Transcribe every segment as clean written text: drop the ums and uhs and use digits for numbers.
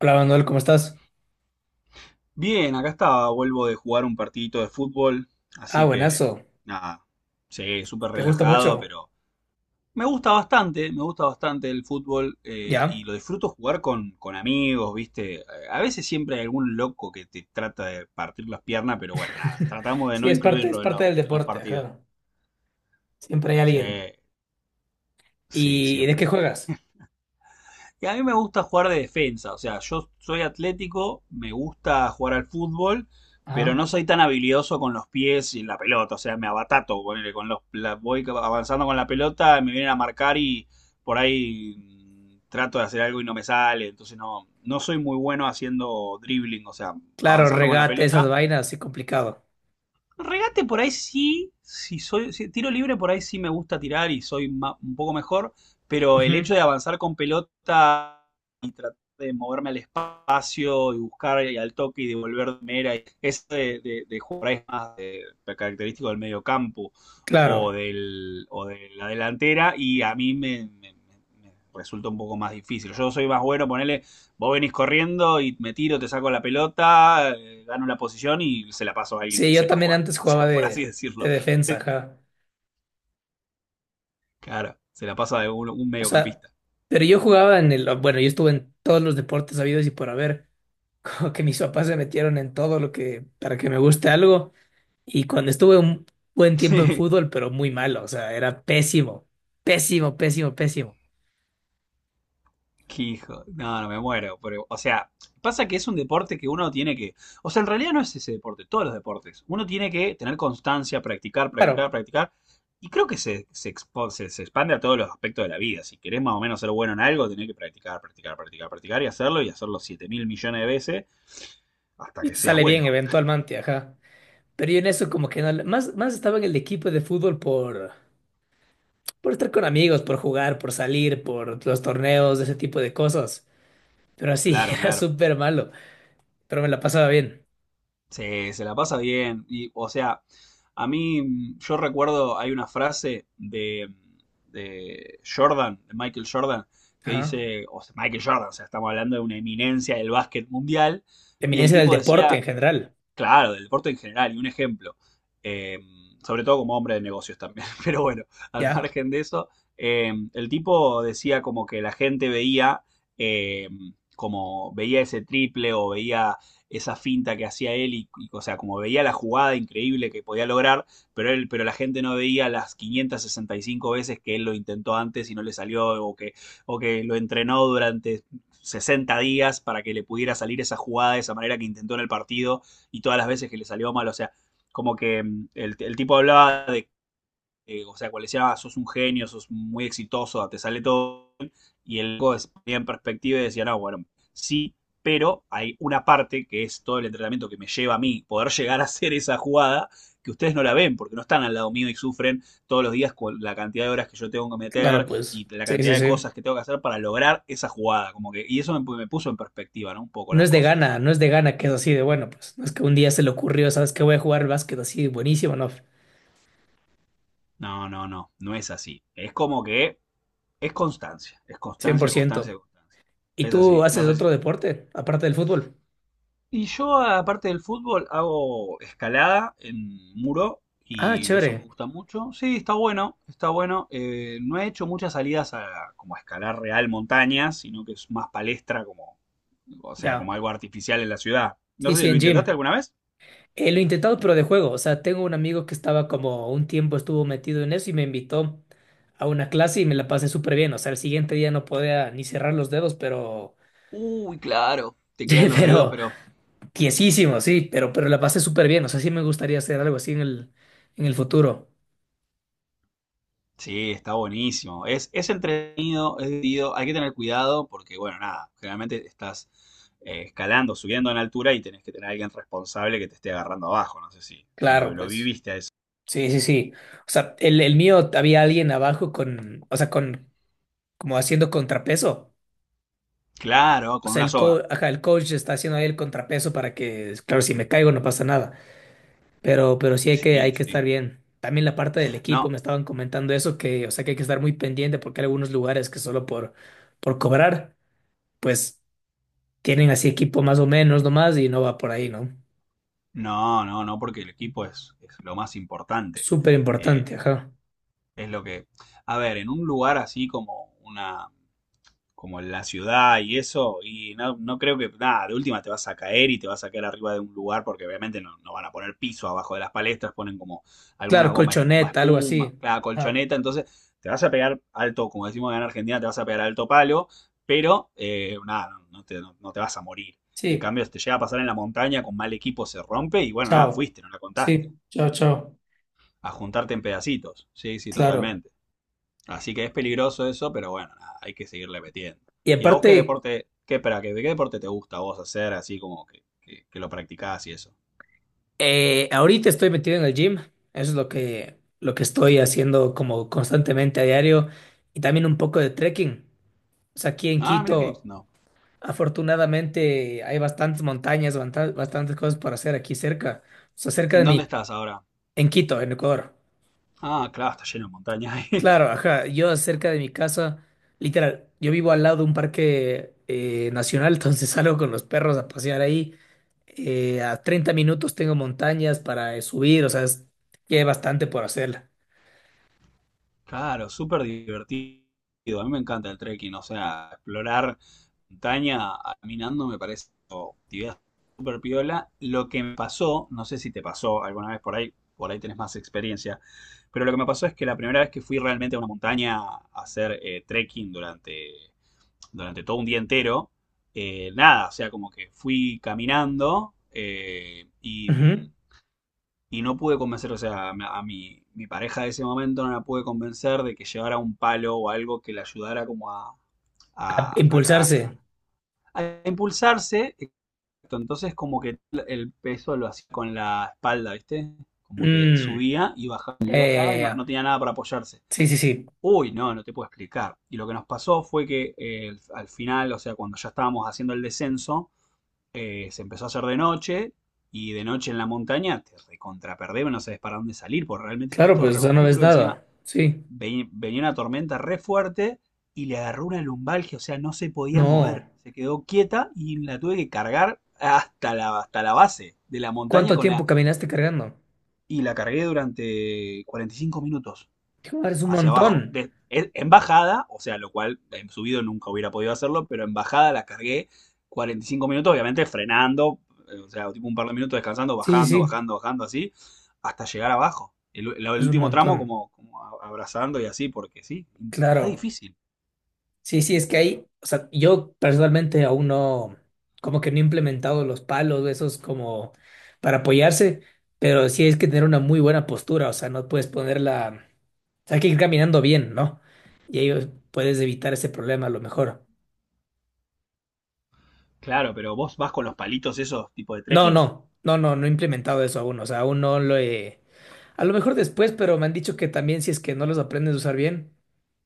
Hola Manuel, ¿cómo estás? Bien, acá estaba, vuelvo de jugar un partidito de fútbol, Ah, así que buenazo. nada, sí, súper ¿Te gusta relajado, mucho? pero me gusta bastante el fútbol y ¿Ya? lo disfruto jugar con amigos, ¿viste? A veces siempre hay algún loco que te trata de partir las piernas, pero bueno, nada, tratamos de Sí, no es incluirlo en parte los, del en los deporte, partidos. ajá. Siempre hay Sí, alguien. sí, ¿Y de qué siempre. juegas? Y a mí me gusta jugar de defensa, o sea, yo soy atlético, me gusta jugar al fútbol, pero Ajá. no soy tan habilidoso con los pies y la pelota, o sea, me abatato, ponele, voy avanzando con la pelota, me vienen a marcar y por ahí trato de hacer algo y no me sale, entonces no soy muy bueno haciendo dribbling, o sea, Claro, avanzando con la regate, esas pelota. vainas, sí, complicado. Regate por ahí sí, si soy si- tiro libre por ahí sí me gusta tirar y un poco mejor, pero el Ujú. hecho de avanzar con pelota y tratar de moverme al espacio y buscar y al toque y devolver de mera, y eso de jugar por ahí es más de característico del medio campo o, Claro. del, o de la delantera y a mí me resulta un poco más difícil. Yo soy más bueno, ponerle. Vos venís corriendo y me tiro, te saco la pelota, gano la posición y se la paso a alguien Sí, que yo sepa también jugar. antes O jugaba sea, por así de decirlo. defensa, Se- ajá. claro, se la paso a un O sea, mediocampista. pero yo jugaba en el, bueno, yo estuve en todos los deportes habidos y por haber. Como que mis papás se metieron en todo lo que, para que me guste algo. Y cuando estuve un buen tiempo en Sí. fútbol, pero muy malo, o sea, era pésimo, pésimo, pésimo, pésimo. Qué hijo. No, no me muero. Pero, o sea, pasa que es un deporte que uno tiene que. O sea, en realidad no es ese deporte, todos los deportes. Uno tiene que tener constancia, practicar, Claro, practicar, practicar. Y creo que se expande a todos los aspectos de la vida. Si querés más o menos ser bueno en algo, tenés que practicar, practicar, practicar, practicar y hacerlo 7.000.000.000 de veces hasta y que te seas sale bueno. bien eventualmente, ajá. Pero yo en eso como que no, más estaba en el equipo de fútbol por estar con amigos, por jugar, por salir, por los torneos, ese tipo de cosas. Pero así, Claro, era claro. súper malo, pero me la pasaba bien. Se la pasa bien. Y, o sea, a mí, yo recuerdo, hay una frase de Jordan, de Michael Jordan, que Ajá. dice, o sea, Michael Jordan, o sea, estamos hablando de una eminencia del básquet mundial, y el Eminencia del tipo deporte en decía. general. Claro, del deporte en general, y un ejemplo, eh, sobre todo como hombre de negocios también, pero bueno, al ¿Ya? margen de eso, el tipo decía como que la gente veía, eh, como veía ese triple o veía esa finta que hacía él, y, o sea, como veía la jugada increíble que podía lograr, pero, él, pero la gente no veía las 565 veces que él lo intentó antes y no le salió, o que lo entrenó durante 60 días para que le pudiera salir esa jugada de esa manera que intentó en el partido y todas las veces que le salió mal. O sea, como que el tipo hablaba de, o sea, cuando le decía: "Ah, sos un genio, sos muy exitoso, te sale todo bien", y el loco ponía en perspectiva y decía, no, bueno, sí, pero hay una parte que es todo el entrenamiento que me lleva a mí poder llegar a hacer esa jugada que ustedes no la ven porque no están al lado mío y sufren todos los días con la cantidad de horas que yo tengo que Claro, meter pues. y la Sí, cantidad sí, de sí. cosas que tengo que hacer para lograr esa jugada. Como que, y eso me, me puso en perspectiva, ¿no? Un poco No las es de cosas. gana, no es de gana que es así de bueno, pues no es que un día se le ocurrió, sabes, que voy a jugar básquet así, buenísimo, no, No, no, no, no es así. Es como que es cien por constancia, constancia, ciento constancia. ¿Y Es tú así, no haces sé si... otro deporte, aparte del fútbol? Y yo, aparte del fútbol, hago escalada en muro Ah, y eso me chévere, gusta mucho. Sí, está bueno, está bueno. No he hecho muchas salidas a como a escalar real montañas, sino que es más palestra como, o sea, como ya. algo artificial en la ciudad. No Sí, sí, sé, ¿lo en intentaste gym. alguna vez? Lo he intentado, pero de juego. O sea, tengo un amigo que estaba como un tiempo estuvo metido en eso y me invitó a una clase y me la pasé súper bien. O sea, el siguiente día no podía ni cerrar los dedos, pero, Uy, claro, te quedan los dedos, pero, pero tiesísimo, sí, pero la pasé súper bien. O sea, sí me gustaría hacer algo así en el futuro. sí, está buenísimo. Es entretenido, es divertido. Hay que tener cuidado porque, bueno, nada, generalmente estás escalando, subiendo en altura y tenés que tener a alguien responsable que te esté agarrando abajo. No sé si, si Claro, lo, lo pues. viviste a eso. Sí, sí, sí. O sea, el mío había alguien abajo con, o sea, con, como haciendo contrapeso. Claro, O con sea, una el soga. coach, ajá, el coach está haciendo ahí el contrapeso para que, claro, si me caigo no pasa nada. Pero sí hay que, Sí, hay que estar sí. bien. También la parte del equipo, No, me estaban comentando eso, que, o sea, que hay que estar muy pendiente porque hay algunos lugares que solo por cobrar, pues tienen así equipo más o menos nomás y no va por ahí, ¿no? no, no, no, porque el equipo es lo más importante. Súper Eh, importante, ajá. es lo que... A ver, en un lugar así como una, como en la ciudad y eso, y no creo que, nada, de última te vas a caer y te vas a caer arriba de un lugar porque obviamente no van a poner piso abajo de las palestras, ponen como algunas Claro, gomas de goma colchoneta, algo espuma, así. la Ajá. colchoneta, entonces te vas a pegar alto, como decimos acá en Argentina, te vas a pegar alto palo, pero nada, no te vas a morir. En Sí, cambio, si te llega a pasar en la montaña con mal equipo, se rompe y bueno, nada, chao. fuiste, no la contaste. Sí, chao, chao. A juntarte en pedacitos. Sí, sí, Claro. totalmente. Así que es peligroso eso, pero bueno, nada, hay que seguirle metiendo. Y ¿Y a vos qué aparte, deporte, qué, espera, qué, deporte te gusta a vos hacer, así como que lo practicás y eso? Ahorita estoy metido en el gym. Eso es lo que estoy haciendo como constantemente a diario. Y también un poco de trekking. O sea, aquí en Ah, mira que Quito, no. afortunadamente, hay bastantes montañas, bastantes cosas para hacer aquí cerca. O sea, cerca ¿En de dónde mí, estás ahora? en Quito, en Ecuador. Ah, claro, está lleno de montaña. Claro, ajá. Yo cerca de mi casa, literal, yo vivo al lado de un parque nacional, entonces salgo con los perros a pasear ahí. A 30 minutos tengo montañas para subir, o sea, que hay bastante por hacerla. Claro, súper divertido. A mí me encanta el trekking, o sea, explorar montaña caminando me parece una actividad súper piola. Lo que me pasó, no sé si te pasó alguna vez por ahí tenés más experiencia, pero lo que me pasó es que la primera vez que fui realmente a una montaña a hacer trekking durante, durante todo un día entero, nada, o sea, como que fui caminando y Ujú. y no pude convencer, o sea, a mi, mi pareja de ese momento no la pude convencer de que llevara un palo o algo que le ayudara como a, a- a- Impulsarse. a impulsarse. Exacto. Entonces como que el peso lo hacía con la espalda, ¿viste? Como que Mm, subía y bajaba y ya, ya, bajaba ya, y no ya. tenía nada para apoyarse. Sí, sí, sí. Uy, no, no te puedo explicar. Y lo que nos pasó fue que al final, o sea, cuando ya estábamos haciendo el descenso, se empezó a hacer de noche y de noche en la montaña te recontraperdés, no sabes para dónde salir, porque realmente está Claro, todo pues re eso no ves oscuro. Encima nada. Sí. venía una tormenta re fuerte y le agarró una lumbalgia, o sea, no se podía No. mover. Se quedó quieta y la tuve que cargar hasta la base de la montaña ¿Cuánto tiempo caminaste cargando? y la cargué durante 45 minutos Joder, es un hacia abajo. montón. En bajada, o sea, lo cual en subido nunca hubiera podido hacerlo, pero en bajada la cargué 45 minutos, obviamente frenando, o sea, tipo un par de minutos descansando, Sí, sí, bajando, sí. bajando, bajando, así, hasta llegar abajo. Es un Último tramo montón. como, como abrazando y así, porque sí, re Claro. difícil. Sí, sí, es que hay, o sea, yo personalmente aún no, como que no he implementado los palos, esos como para apoyarse, pero sí es que tener una muy buena postura, o sea, no puedes ponerla, o sea, hay que ir caminando bien, ¿no? Y ahí puedes evitar ese problema a lo mejor. Claro, pero vos vas con los palitos esos tipo de No, trekking. no, no, no, no he implementado eso aún, o sea, aún no lo he, a lo mejor después, pero me han dicho que también si es que no los aprendes a usar bien,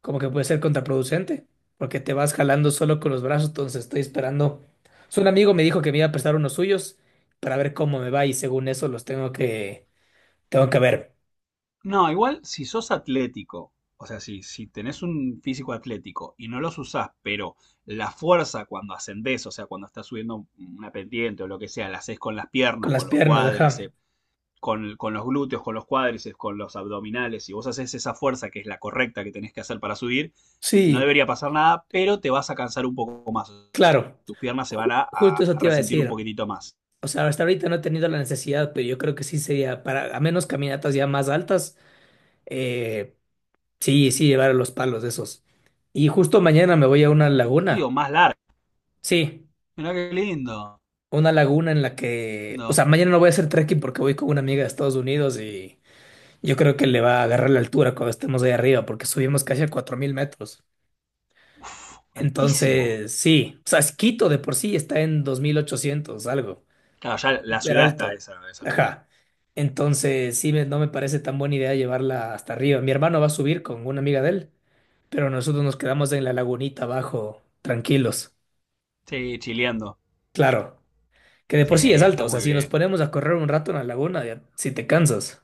como que puede ser contraproducente, porque te vas jalando solo con los brazos, entonces estoy esperando. So, un amigo me dijo que me iba a prestar unos suyos para ver cómo me va y según eso los tengo que ver No, igual si sos atlético, o sea, si, si tenés un físico atlético y no los usás, pero la fuerza cuando ascendés, o sea, cuando estás subiendo una pendiente o lo que sea, la haces con las piernas, con las con los piernas, ajá. cuádriceps, con los glúteos, con los cuádriceps, con los abdominales, y vos haces esa fuerza que es la correcta que tenés que hacer para subir, no Sí, debería pasar nada, pero te vas a cansar un poco más. claro. Tus piernas se van Ju- a, a- justo eso a te iba a resentir un decir. poquitito más. O sea, hasta ahorita no he tenido la necesidad, pero yo creo que sí sería para, a menos caminatas ya más altas, eh, sí, sí llevar los palos de esos. Y justo mañana me voy a una Sí, laguna. o más largas. Sí. Mirá qué lindo. Una laguna en la que, o Lindo. sea, mañana no voy a hacer trekking porque voy con una amiga de Estados Unidos y yo creo que le va a agarrar la altura cuando estemos ahí arriba porque subimos casi a 4.000 metros. Uf, altísimo. Entonces, sí, o sea, es Quito de por sí está en 2.800 algo, Claro, ya la súper ciudad está alto. A esa altura. Ajá. Entonces, sí, no me parece tan buena idea llevarla hasta arriba. Mi hermano va a subir con una amiga de él, pero nosotros nos quedamos en la lagunita abajo, tranquilos. Sí, chileando. Claro, que de Sí, por sí es alto, está o sea, muy si nos bien. ponemos a correr un rato en la laguna, ya, si te cansas.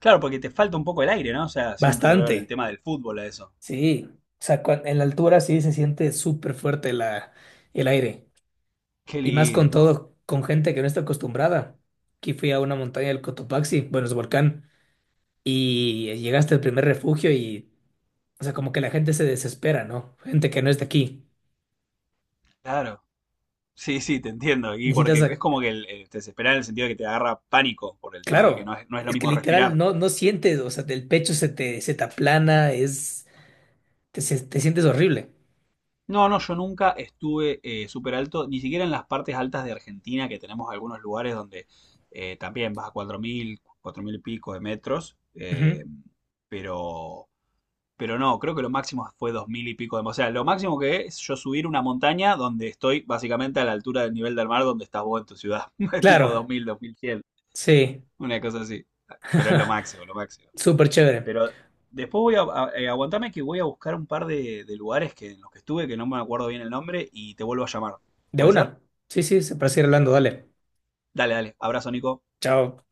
Claro, porque te falta un poco el aire, ¿no? O sea, siempre lo veo Bastante, en el tema del fútbol a eso. sí. O sea, en la altura sí se siente súper fuerte el aire. Qué Y más con lindo. todo, con gente que no está acostumbrada. Aquí fui a una montaña del Cotopaxi, bueno, es volcán, y llegaste al primer refugio y, o sea, como que la gente se desespera, ¿no? Gente que no es de aquí. Claro. Sí, sí, te entiendo. Y Necesitas, porque es como que el te en el sentido de que te agarra pánico por el tema de que no claro, es, no es lo es que mismo literal respirar. no, no sientes, o sea, del pecho se te aplana, es, te sientes horrible. No, no, yo nunca estuve súper alto, ni siquiera en las partes altas de Argentina, que tenemos algunos lugares donde también vas a 4.000, 4.000 y pico de metros, Ujú. Pero no, creo que lo máximo fue 2.000 y pico de... O sea, lo máximo que es yo subir una montaña donde estoy básicamente a la altura del nivel del mar donde estás vos en tu ciudad. Tipo Claro, 2000, 2100, sí. una cosa así. Pero es lo máximo, lo máximo. Súper chévere. Pero después voy a... aguantame que voy a buscar un par de lugares que, en los que estuve, que no me acuerdo bien el nombre, y te vuelvo a llamar. De ¿Puede ser? una. Sí, sí, se parece ir hablando, dale. Dale, dale. Abrazo, Nico. Chao.